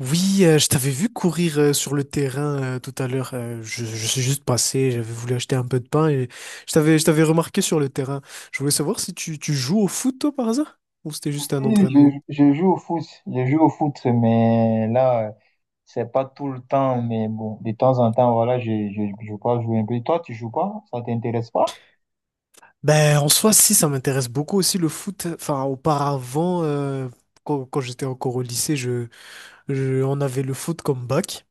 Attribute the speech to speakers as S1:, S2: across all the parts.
S1: Oui, je t'avais vu courir sur le terrain tout à l'heure. Je suis juste passé, j'avais voulu acheter un peu de pain et je t'avais remarqué sur le terrain. Je voulais savoir si tu joues au foot, toi, par hasard? Ou c'était juste un
S2: Oui,
S1: entraînement?
S2: je joue au foot, je joue au foot, mais là, c'est pas tout le temps, mais bon, de temps en temps, voilà, je crois jouer un peu. Toi, tu joues pas? Ça t'intéresse pas?
S1: Ben, en soi, si, ça m'intéresse beaucoup aussi le foot. Enfin, auparavant, quand, j'étais encore au lycée, on avait le foot comme bac.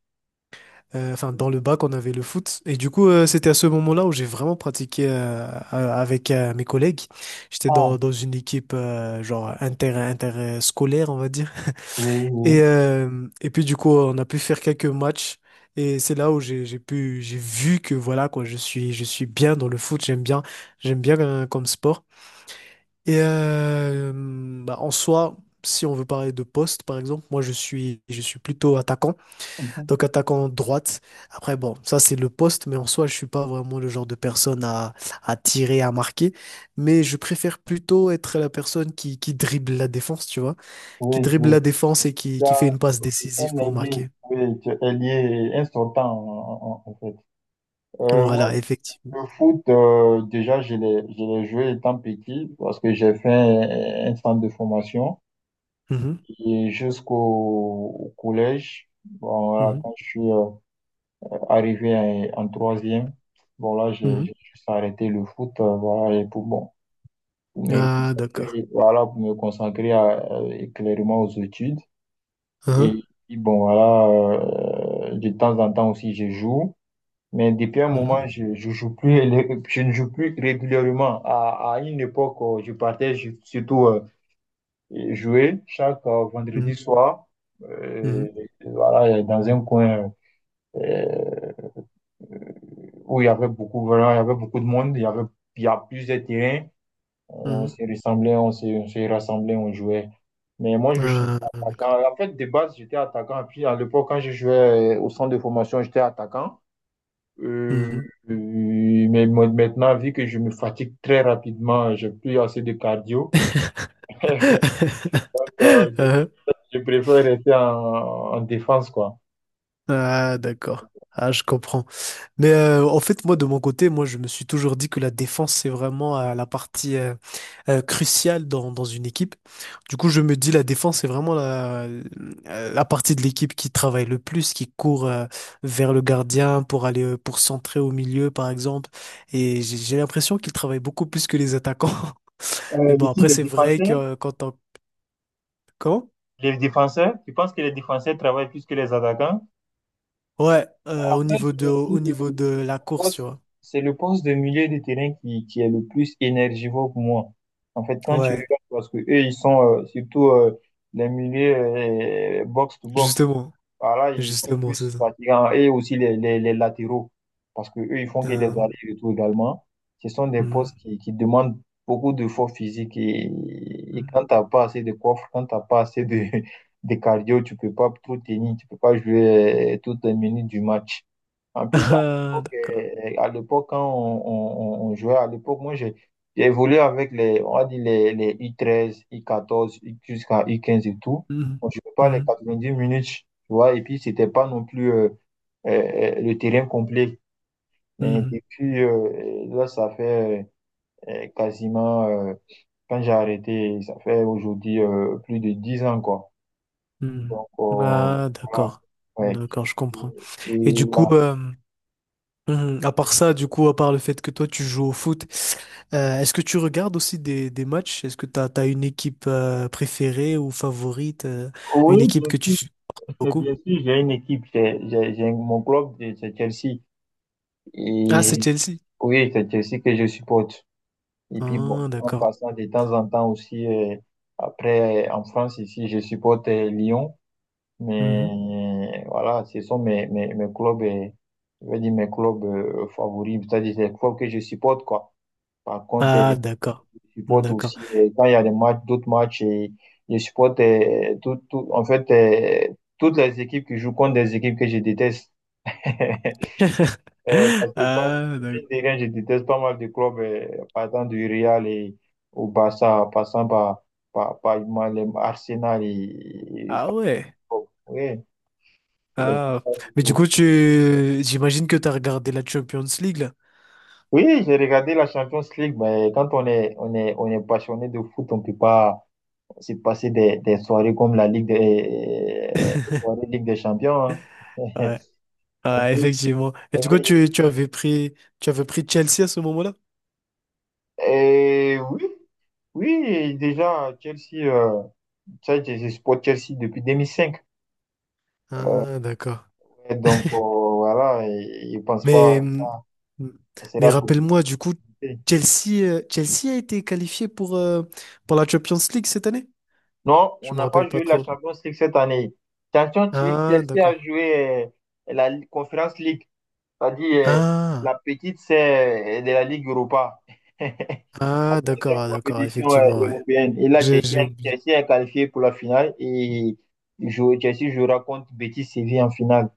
S1: Enfin, dans le bac, on avait le foot. Et du coup, c'était à ce moment-là où j'ai vraiment pratiqué avec mes collègues. J'étais
S2: Ah,
S1: dans une équipe genre interscolaire, on va dire.
S2: oui, oui.
S1: Et puis, du coup, on a pu faire quelques matchs. Et c'est là où j'ai vu que voilà, quoi, je suis bien dans le foot. J'aime bien comme sport. Et bah, en soi, si on veut parler de poste, par exemple, moi, je suis plutôt attaquant.
S2: Mhm.
S1: Donc attaquant droite. Après, bon, ça c'est le poste, mais en soi, je suis pas vraiment le genre de personne à tirer, à marquer. Mais je préfère plutôt être la personne qui dribble la défense, tu vois, qui
S2: Oui,
S1: dribble la
S2: oui.
S1: défense et qui fait
S2: Là,
S1: une passe décisive
S2: un
S1: pour
S2: allié
S1: marquer.
S2: oui, tu es ailier, un sortant, en fait. Moi,
S1: Voilà, effectivement.
S2: le foot, déjà, je l'ai joué étant petit parce que j'ai fait un centre de formation.
S1: Mhm,
S2: Et jusqu'au au collège. Bon, voilà,
S1: mhm,
S2: quand je suis arrivé en en 3e, bon, là,
S1: mhm.
S2: j'ai juste arrêté le foot, voilà, et pour, bon, pour me
S1: Ah, d'accord.
S2: concentrer, voilà, pour me concentrer clairement aux études.
S1: Hein,
S2: Et puis, bon, voilà, de temps en temps aussi, je joue. Mais depuis un
S1: mhm,
S2: moment, je joue plus, je ne joue plus régulièrement. À une époque, je partais ju- surtout et jouer chaque vendredi
S1: mhm,
S2: soir. Euh,
S1: mhm,
S2: voilà, dans un coin euh, où il y avait beaucoup, voilà, il y avait beaucoup de monde, il y avait, il y a plusieurs terrains.
S1: mhm.
S2: On se rassemblait, on jouait. Mais moi, je suis
S1: Ah, d'accord.
S2: attaquant. En fait, de base, j'étais attaquant. Puis, à l'époque, quand je jouais au centre de formation, j'étais attaquant. Euh,
S1: Mhm.
S2: Maintenant, vu que je me fatigue très rapidement, j'ai plus assez de cardio. Donc,
S1: Hein,
S2: je préfère rester en défense, quoi.
S1: ah, d'accord. Ah, je comprends. Mais en fait, moi, de mon côté, moi, je me suis toujours dit que la défense, c'est vraiment la partie cruciale dans une équipe. Du coup, je me dis, la défense, c'est vraiment la partie de l'équipe qui travaille le plus, qui court vers le gardien pour aller pour centrer au milieu, par exemple. Et j'ai l'impression qu'ils travaillent beaucoup plus que les attaquants. Mais
S2: Euh,
S1: bon,
S2: mais qui
S1: après,
S2: les
S1: c'est vrai
S2: défenseurs,
S1: que quand on... Comment?
S2: les défenseurs, tu penses que les défenseurs travaillent plus que les attaquants?
S1: Ouais, au
S2: Après,
S1: niveau
S2: je me
S1: au
S2: dis,
S1: niveau de la
S2: le
S1: course, tu
S2: poste,
S1: vois.
S2: c'est le poste de milieu de terrain qui est le plus énergivore pour moi. En fait, quand tu
S1: Ouais,
S2: regardes, parce que eux, ils sont surtout les milieux box-to-box.
S1: justement.
S2: Voilà, ils sont
S1: Justement, c'est
S2: plus
S1: ça.
S2: fatigants. Et aussi les latéraux, parce que eux ils font que des
S1: Euh,
S2: allers-retours également. Ce sont des
S1: mhm,
S2: postes qui demandent beaucoup d'efforts physiques. Et
S1: mhm.
S2: quand tu n'as pas assez de coffre, quand tu n'as pas assez de, de cardio, tu peux pas tout tenir, tu peux pas jouer toutes les minutes du match. En plus,
S1: Ah, d'accord.
S2: à l'époque, quand on jouait, à l'époque, moi, j'ai évolué avec les, on va dire les u 13 u 14 jusqu'à u 15 et tout.
S1: Mhm,
S2: On ne jouait pas les
S1: mhm,
S2: 10 minutes, tu vois, et puis, c'était pas non plus le terrain complet. Mais
S1: mhm,
S2: depuis, là, ça fait quasiment, quand j'ai arrêté, ça fait aujourd'hui plus de 10 ans, quoi. Donc,
S1: mhm. Ah,
S2: voilà,
S1: d'accord.
S2: ouais.
S1: D'accord, je comprends. Et
S2: Et
S1: du coup,
S2: là-
S1: mhm, à part ça, du coup, à part le fait que toi, tu joues au foot, est-ce que tu regardes aussi des matchs? Est-ce que tu as, une équipe préférée ou favorite, une
S2: oui,
S1: équipe
S2: bien
S1: que tu
S2: sûr.
S1: supportes
S2: Et
S1: beaucoup?
S2: bien sûr, j'ai une équipe, mon club, c'est Chelsea.
S1: Ah, c'est
S2: Et
S1: Chelsea.
S2: oui, c'est Chelsea que je supporte. Et puis bon,
S1: Ah,
S2: en
S1: d'accord.
S2: passant de temps en temps aussi, après, en France, ici, je supporte Lyon.
S1: Mhm.
S2: Mais voilà, ce sont mes clubs, je vais dire mes clubs favoris, c'est-à-dire les clubs que je supporte, quoi. Par contre,
S1: Ah, d'accord.
S2: je supporte
S1: D'accord.
S2: aussi, quand il y a des matchs, d'autres matchs, et je supporte tout, en fait, toutes les équipes qui jouent contre des équipes que je déteste. Parce que pas,
S1: Ah, d'accord.
S2: mine de rien, je déteste pas mal de clubs, partant du Real et au Barça, en passant par, par moi, les Arsenal et
S1: Ah
S2: par-
S1: ouais.
S2: oui, je les aime
S1: Ah,
S2: pas du
S1: mais du coup,
S2: tout.
S1: j'imagine que tu as regardé la Champions League, là.
S2: Oui, j'ai regardé la Champions League, mais quand on est, on est, on est passionné de foot, on peut pas se passer des soirées comme la Ligue des, soirées Ligue des Champions. Hein.
S1: Ouais,
S2: En
S1: ouais,
S2: plus,
S1: effectivement. Et du coup,
S2: oui.
S1: tu avais tu avais pris Chelsea à ce moment-là?
S2: Et oui, oui, déjà, Chelsea. Euh, ça, sais, je supporte Chelsea depuis 2005.
S1: Ah, d'accord.
S2: Et donc, voilà, et- je ne pense
S1: Mais,
S2: pas que
S1: hum,
S2: ça
S1: mais
S2: sera tout
S1: rappelle-moi, du coup,
S2: compté.
S1: Chelsea a été qualifié pour la Champions League cette année?
S2: Non, on
S1: Je me
S2: n'a
S1: rappelle
S2: pas
S1: pas
S2: joué la
S1: trop.
S2: Champions League cette année. Champions League,
S1: Ah,
S2: Chelsea
S1: d'accord.
S2: a joué Conference League, c'est-à-dire
S1: Ah,
S2: la petite, c'est de la Ligue Europa. La
S1: ah, d'accord,
S2: troisième
S1: ah, d'accord,
S2: compétition
S1: effectivement, ouais.
S2: européenne. Et là,
S1: J'ai oublié.
S2: Chelsea est qualifié pour la finale et Chelsea jouera contre Betis Séville en finale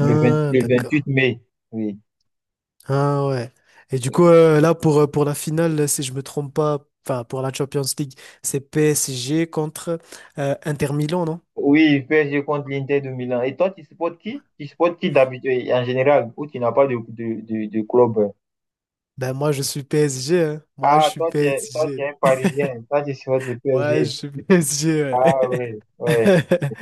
S2: le 28
S1: d'accord.
S2: mai. Oui.
S1: Ah ouais. Et du coup, là, pour la finale, si je me trompe pas, enfin, pour la Champions League, c'est PSG contre Inter Milan, non?
S2: Oui, PSG contre l'Inter de Milan. Et toi, tu supportes qui? Tu supportes qui d'habitude en général ou tu n'as pas de, de club? Euh.
S1: Ben moi, je suis PSG, hein. Moi, je
S2: Ah,
S1: suis
S2: toi, toi, tu
S1: PSG.
S2: es un Parisien. Toi, tu supportes le
S1: Moi, je
S2: PSG.
S1: suis PSG, ouais.
S2: Ah oui, ouais.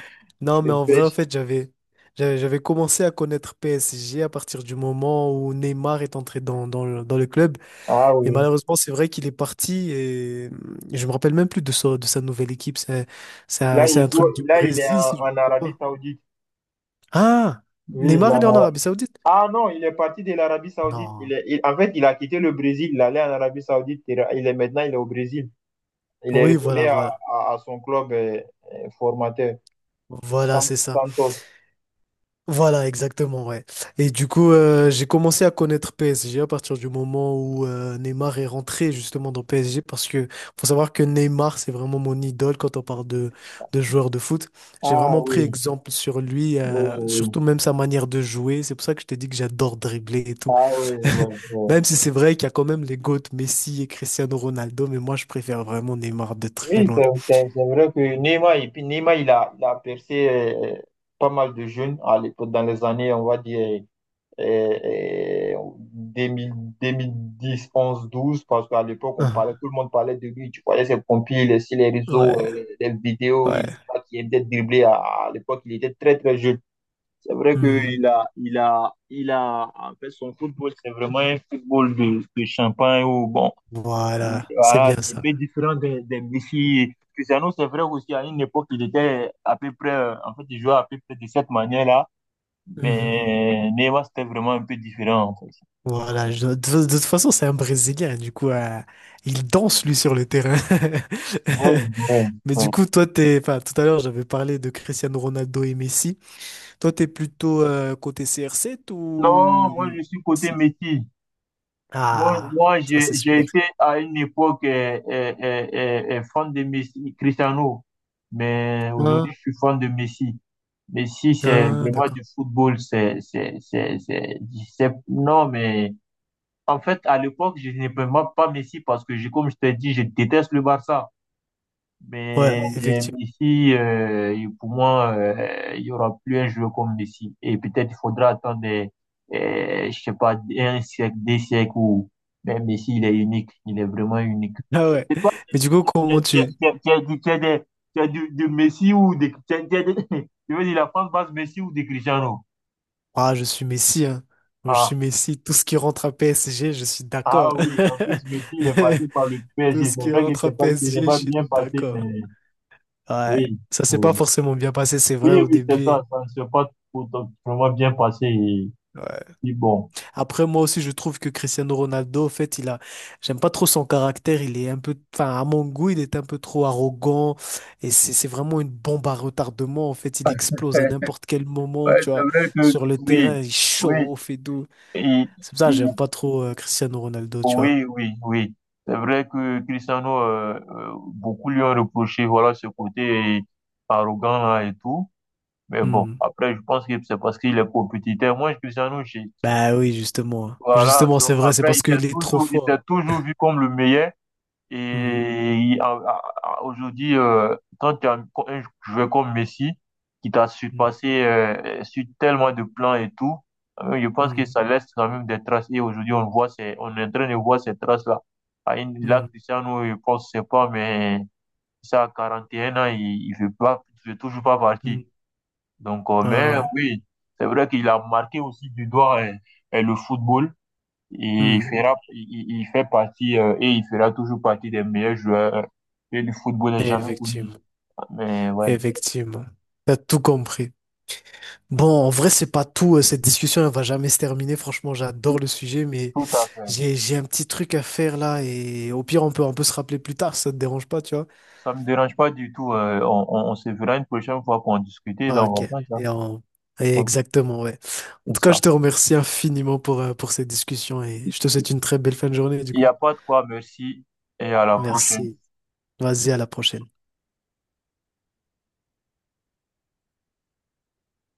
S1: Non, mais
S2: Le
S1: en vrai, en
S2: PSG.
S1: fait, j'avais commencé à connaître PSG à partir du moment où Neymar est entré dans le club.
S2: Ah
S1: Mais
S2: oui.
S1: malheureusement, c'est vrai qu'il est parti et je me rappelle même plus de sa nouvelle équipe.
S2: Là,
S1: C'est un truc du
S2: là, il est
S1: Brésil, si
S2: en,
S1: je ne
S2: en
S1: me trompe
S2: Arabie
S1: pas.
S2: Saoudite.
S1: Ah!
S2: Oui, il est en
S1: Neymar, il est en
S2: Ara-
S1: Arabie Saoudite?
S2: Ah non, il est parti de l'Arabie Saoudite.
S1: Non.
S2: En fait, il a quitté le Brésil. Il allait en Arabie Saoudite. Maintenant, il est au Brésil. Il est
S1: Oui,
S2: retourné
S1: voilà, voilà.
S2: à son club formateur,
S1: Voilà,
S2: Sant-
S1: c'est ça.
S2: Santos.
S1: Voilà, exactement, ouais. Et du coup, j'ai commencé à connaître PSG à partir du moment où Neymar est rentré justement dans PSG parce que faut savoir que Neymar, c'est vraiment mon idole quand on parle de joueur de foot. J'ai
S2: Ah
S1: vraiment pris
S2: oui.
S1: exemple sur lui,
S2: Oui, oui.
S1: surtout même sa manière de jouer. C'est pour ça que je t'ai dit que j'adore dribbler et tout.
S2: Ah oui, oui, oui.
S1: Même si c'est vrai qu'il y a quand même les GOAT Messi et Cristiano Ronaldo, mais moi je préfère vraiment Neymar de très
S2: Oui,
S1: loin.
S2: c'est vrai que Neymar, et puis Neymar, il a percé pas mal de jeunes à l'époque, dans les années, on va dire, euh, deux mille deux mille dix onze douze parce qu'à l'époque, on parlait,
S1: Ah,
S2: tout le monde parlait de lui. Tu voyais ses compiles sur les réseaux,
S1: ouais,
S2: les vidéos, il
S1: ouais.
S2: Neymar qui était dribblé à l'époque, il était très, très jeune. C'est vrai
S1: Hmm.
S2: qu'il a, il a, il a, en fait, son football, c'est vraiment un football de champagne où, bon, Il-
S1: Voilà, c'est
S2: voilà,
S1: bien
S2: c'est un
S1: ça.
S2: peu différent de- des Messi. Cristiano, c'est vrai aussi, à une époque, il était à peu près, en fait, il jouait à peu près de cette manière-là,
S1: Hmm.
S2: mais Neymar, c'était vraiment un peu différent, en fait.
S1: Voilà, de toute façon, c'est un Brésilien, du coup, il danse lui sur le terrain.
S2: Oui, oui,
S1: Mais
S2: oui.
S1: du coup, toi, enfin, tout à l'heure, j'avais parlé de Cristiano Ronaldo et Messi. Toi, t'es plutôt côté CR7
S2: Non,
S1: ou
S2: moi, je suis côté
S1: si.
S2: Messi. Moi,
S1: Ah,
S2: moi
S1: ça c'est
S2: j'ai
S1: super.
S2: été à une époque fan de Messi, Cristiano, mais
S1: Ah,
S2: aujourd'hui, je suis fan de Messi. Messi, c'est
S1: ah,
S2: vraiment du
S1: d'accord.
S2: football, c'est- non, mais en fait, à l'époque, je n'aimais pas Messi parce que, je- comme je t'ai dit, je déteste le Barça.
S1: Ouais,
S2: Mais
S1: effectivement.
S2: Messi, il- pour moi, il y aura plus un joueur comme Messi. Et peut-être il faudra attendre, des, je sais pas, un siècle, des siècles où mais Messi, il est unique. Il est vraiment unique.
S1: Ah ouais. Mais du coup, comment tu...
S2: Tu as dit, tu as des- du Messi ou des... Tu as des- je veux dire, la France base Messi ou des Cristiano.
S1: Ah, je suis Messi, hein. Moi, je
S2: Ah,
S1: suis Messi. Tout ce qui rentre à PSG, je suis d'accord.
S2: ah oui, en plus, Messi, il est passé par le
S1: Tout
S2: PSG.
S1: ce
S2: C'est
S1: qui
S2: vrai que
S1: rentre à
S2: c'est pas, ce
S1: PSG,
S2: n'est
S1: je
S2: pas
S1: suis
S2: bien passé,
S1: d'accord.
S2: mais...
S1: Ouais,
S2: Oui,
S1: ça s'est
S2: oui,
S1: pas forcément bien passé, c'est vrai, au
S2: oui, c'est
S1: début.
S2: ça, ça ne s'est pas tout vraiment bien passé. Et,
S1: Ouais.
S2: puis bon,
S1: Après, moi aussi, je trouve que Cristiano Ronaldo, en fait, j'aime pas trop son caractère, il est un peu, enfin, à mon goût, il est un peu trop arrogant, et c'est vraiment une bombe à retardement, en fait, il explose à n'importe quel moment,
S2: Ouais,
S1: tu vois, sur le
S2: oui,
S1: terrain, il
S2: oui,
S1: chauffe et tout.
S2: et-
S1: C'est pour ça, que
S2: et-
S1: j'aime pas trop Cristiano Ronaldo, tu vois.
S2: oui, c'est vrai que Cristiano, beaucoup lui ont reproché, voilà, ce côté arrogant et tout. Mais bon,
S1: Hmm.
S2: je pense que c'est parce qu'il est compétiteur. Moi, Cristiano, j'ai,
S1: Bah oui, justement.
S2: voilà,
S1: Justement, c'est
S2: donc
S1: vrai, c'est
S2: après,
S1: parce qu'il est trop
S2: il
S1: fort.
S2: s'est toujours vu comme le meilleur.
S1: Hmm.
S2: Et aujourd'hui, quand tu as un joueur comme Messi, qui t'a
S1: Hmm.
S2: surpassé sur tellement de plans et tout, je pense que ça laisse quand même des traces. Et aujourd'hui, on est en train de voir ces traces-là. À une- Là,
S1: Hmm.
S2: Cristiano, je pense, je sais pas, mais ça, à 41 ans, il veut pas, il veut toujours pas
S1: Hmm.
S2: partir.
S1: Hmm.
S2: Donc, mais
S1: Ah ouais.
S2: oui, c'est vrai qu'il a marqué aussi du doigt le football. Il
S1: Hmm.
S2: fera, il- fait partie et il fera toujours partie des meilleurs joueurs et du football n'est jamais connu.
S1: Effectivement,
S2: Mais ouais,
S1: effectivement. T'as tout compris. Bon, en vrai, c'est pas tout. Cette discussion, elle va jamais se terminer. Franchement, j'adore
S2: tout,
S1: le sujet, mais
S2: tout à fait.
S1: j'ai un petit truc à faire là. Et au pire, on peut se rappeler plus tard. Ça te dérange pas, tu vois?
S2: Ça me dérange pas du tout. Euh, on se verra une prochaine fois pour en discuter
S1: Ah,
S2: dans
S1: ok.
S2: mon ça.
S1: Et on-
S2: Donc,
S1: Exactement, ouais. En
S2: c'est
S1: tout cas, je
S2: ça.
S1: te remercie infiniment pour cette discussion et je te souhaite une très belle fin de journée, du
S2: Il n'y
S1: coup.
S2: a pas de quoi, merci et à la prochaine.
S1: Merci. Vas-y, à la prochaine.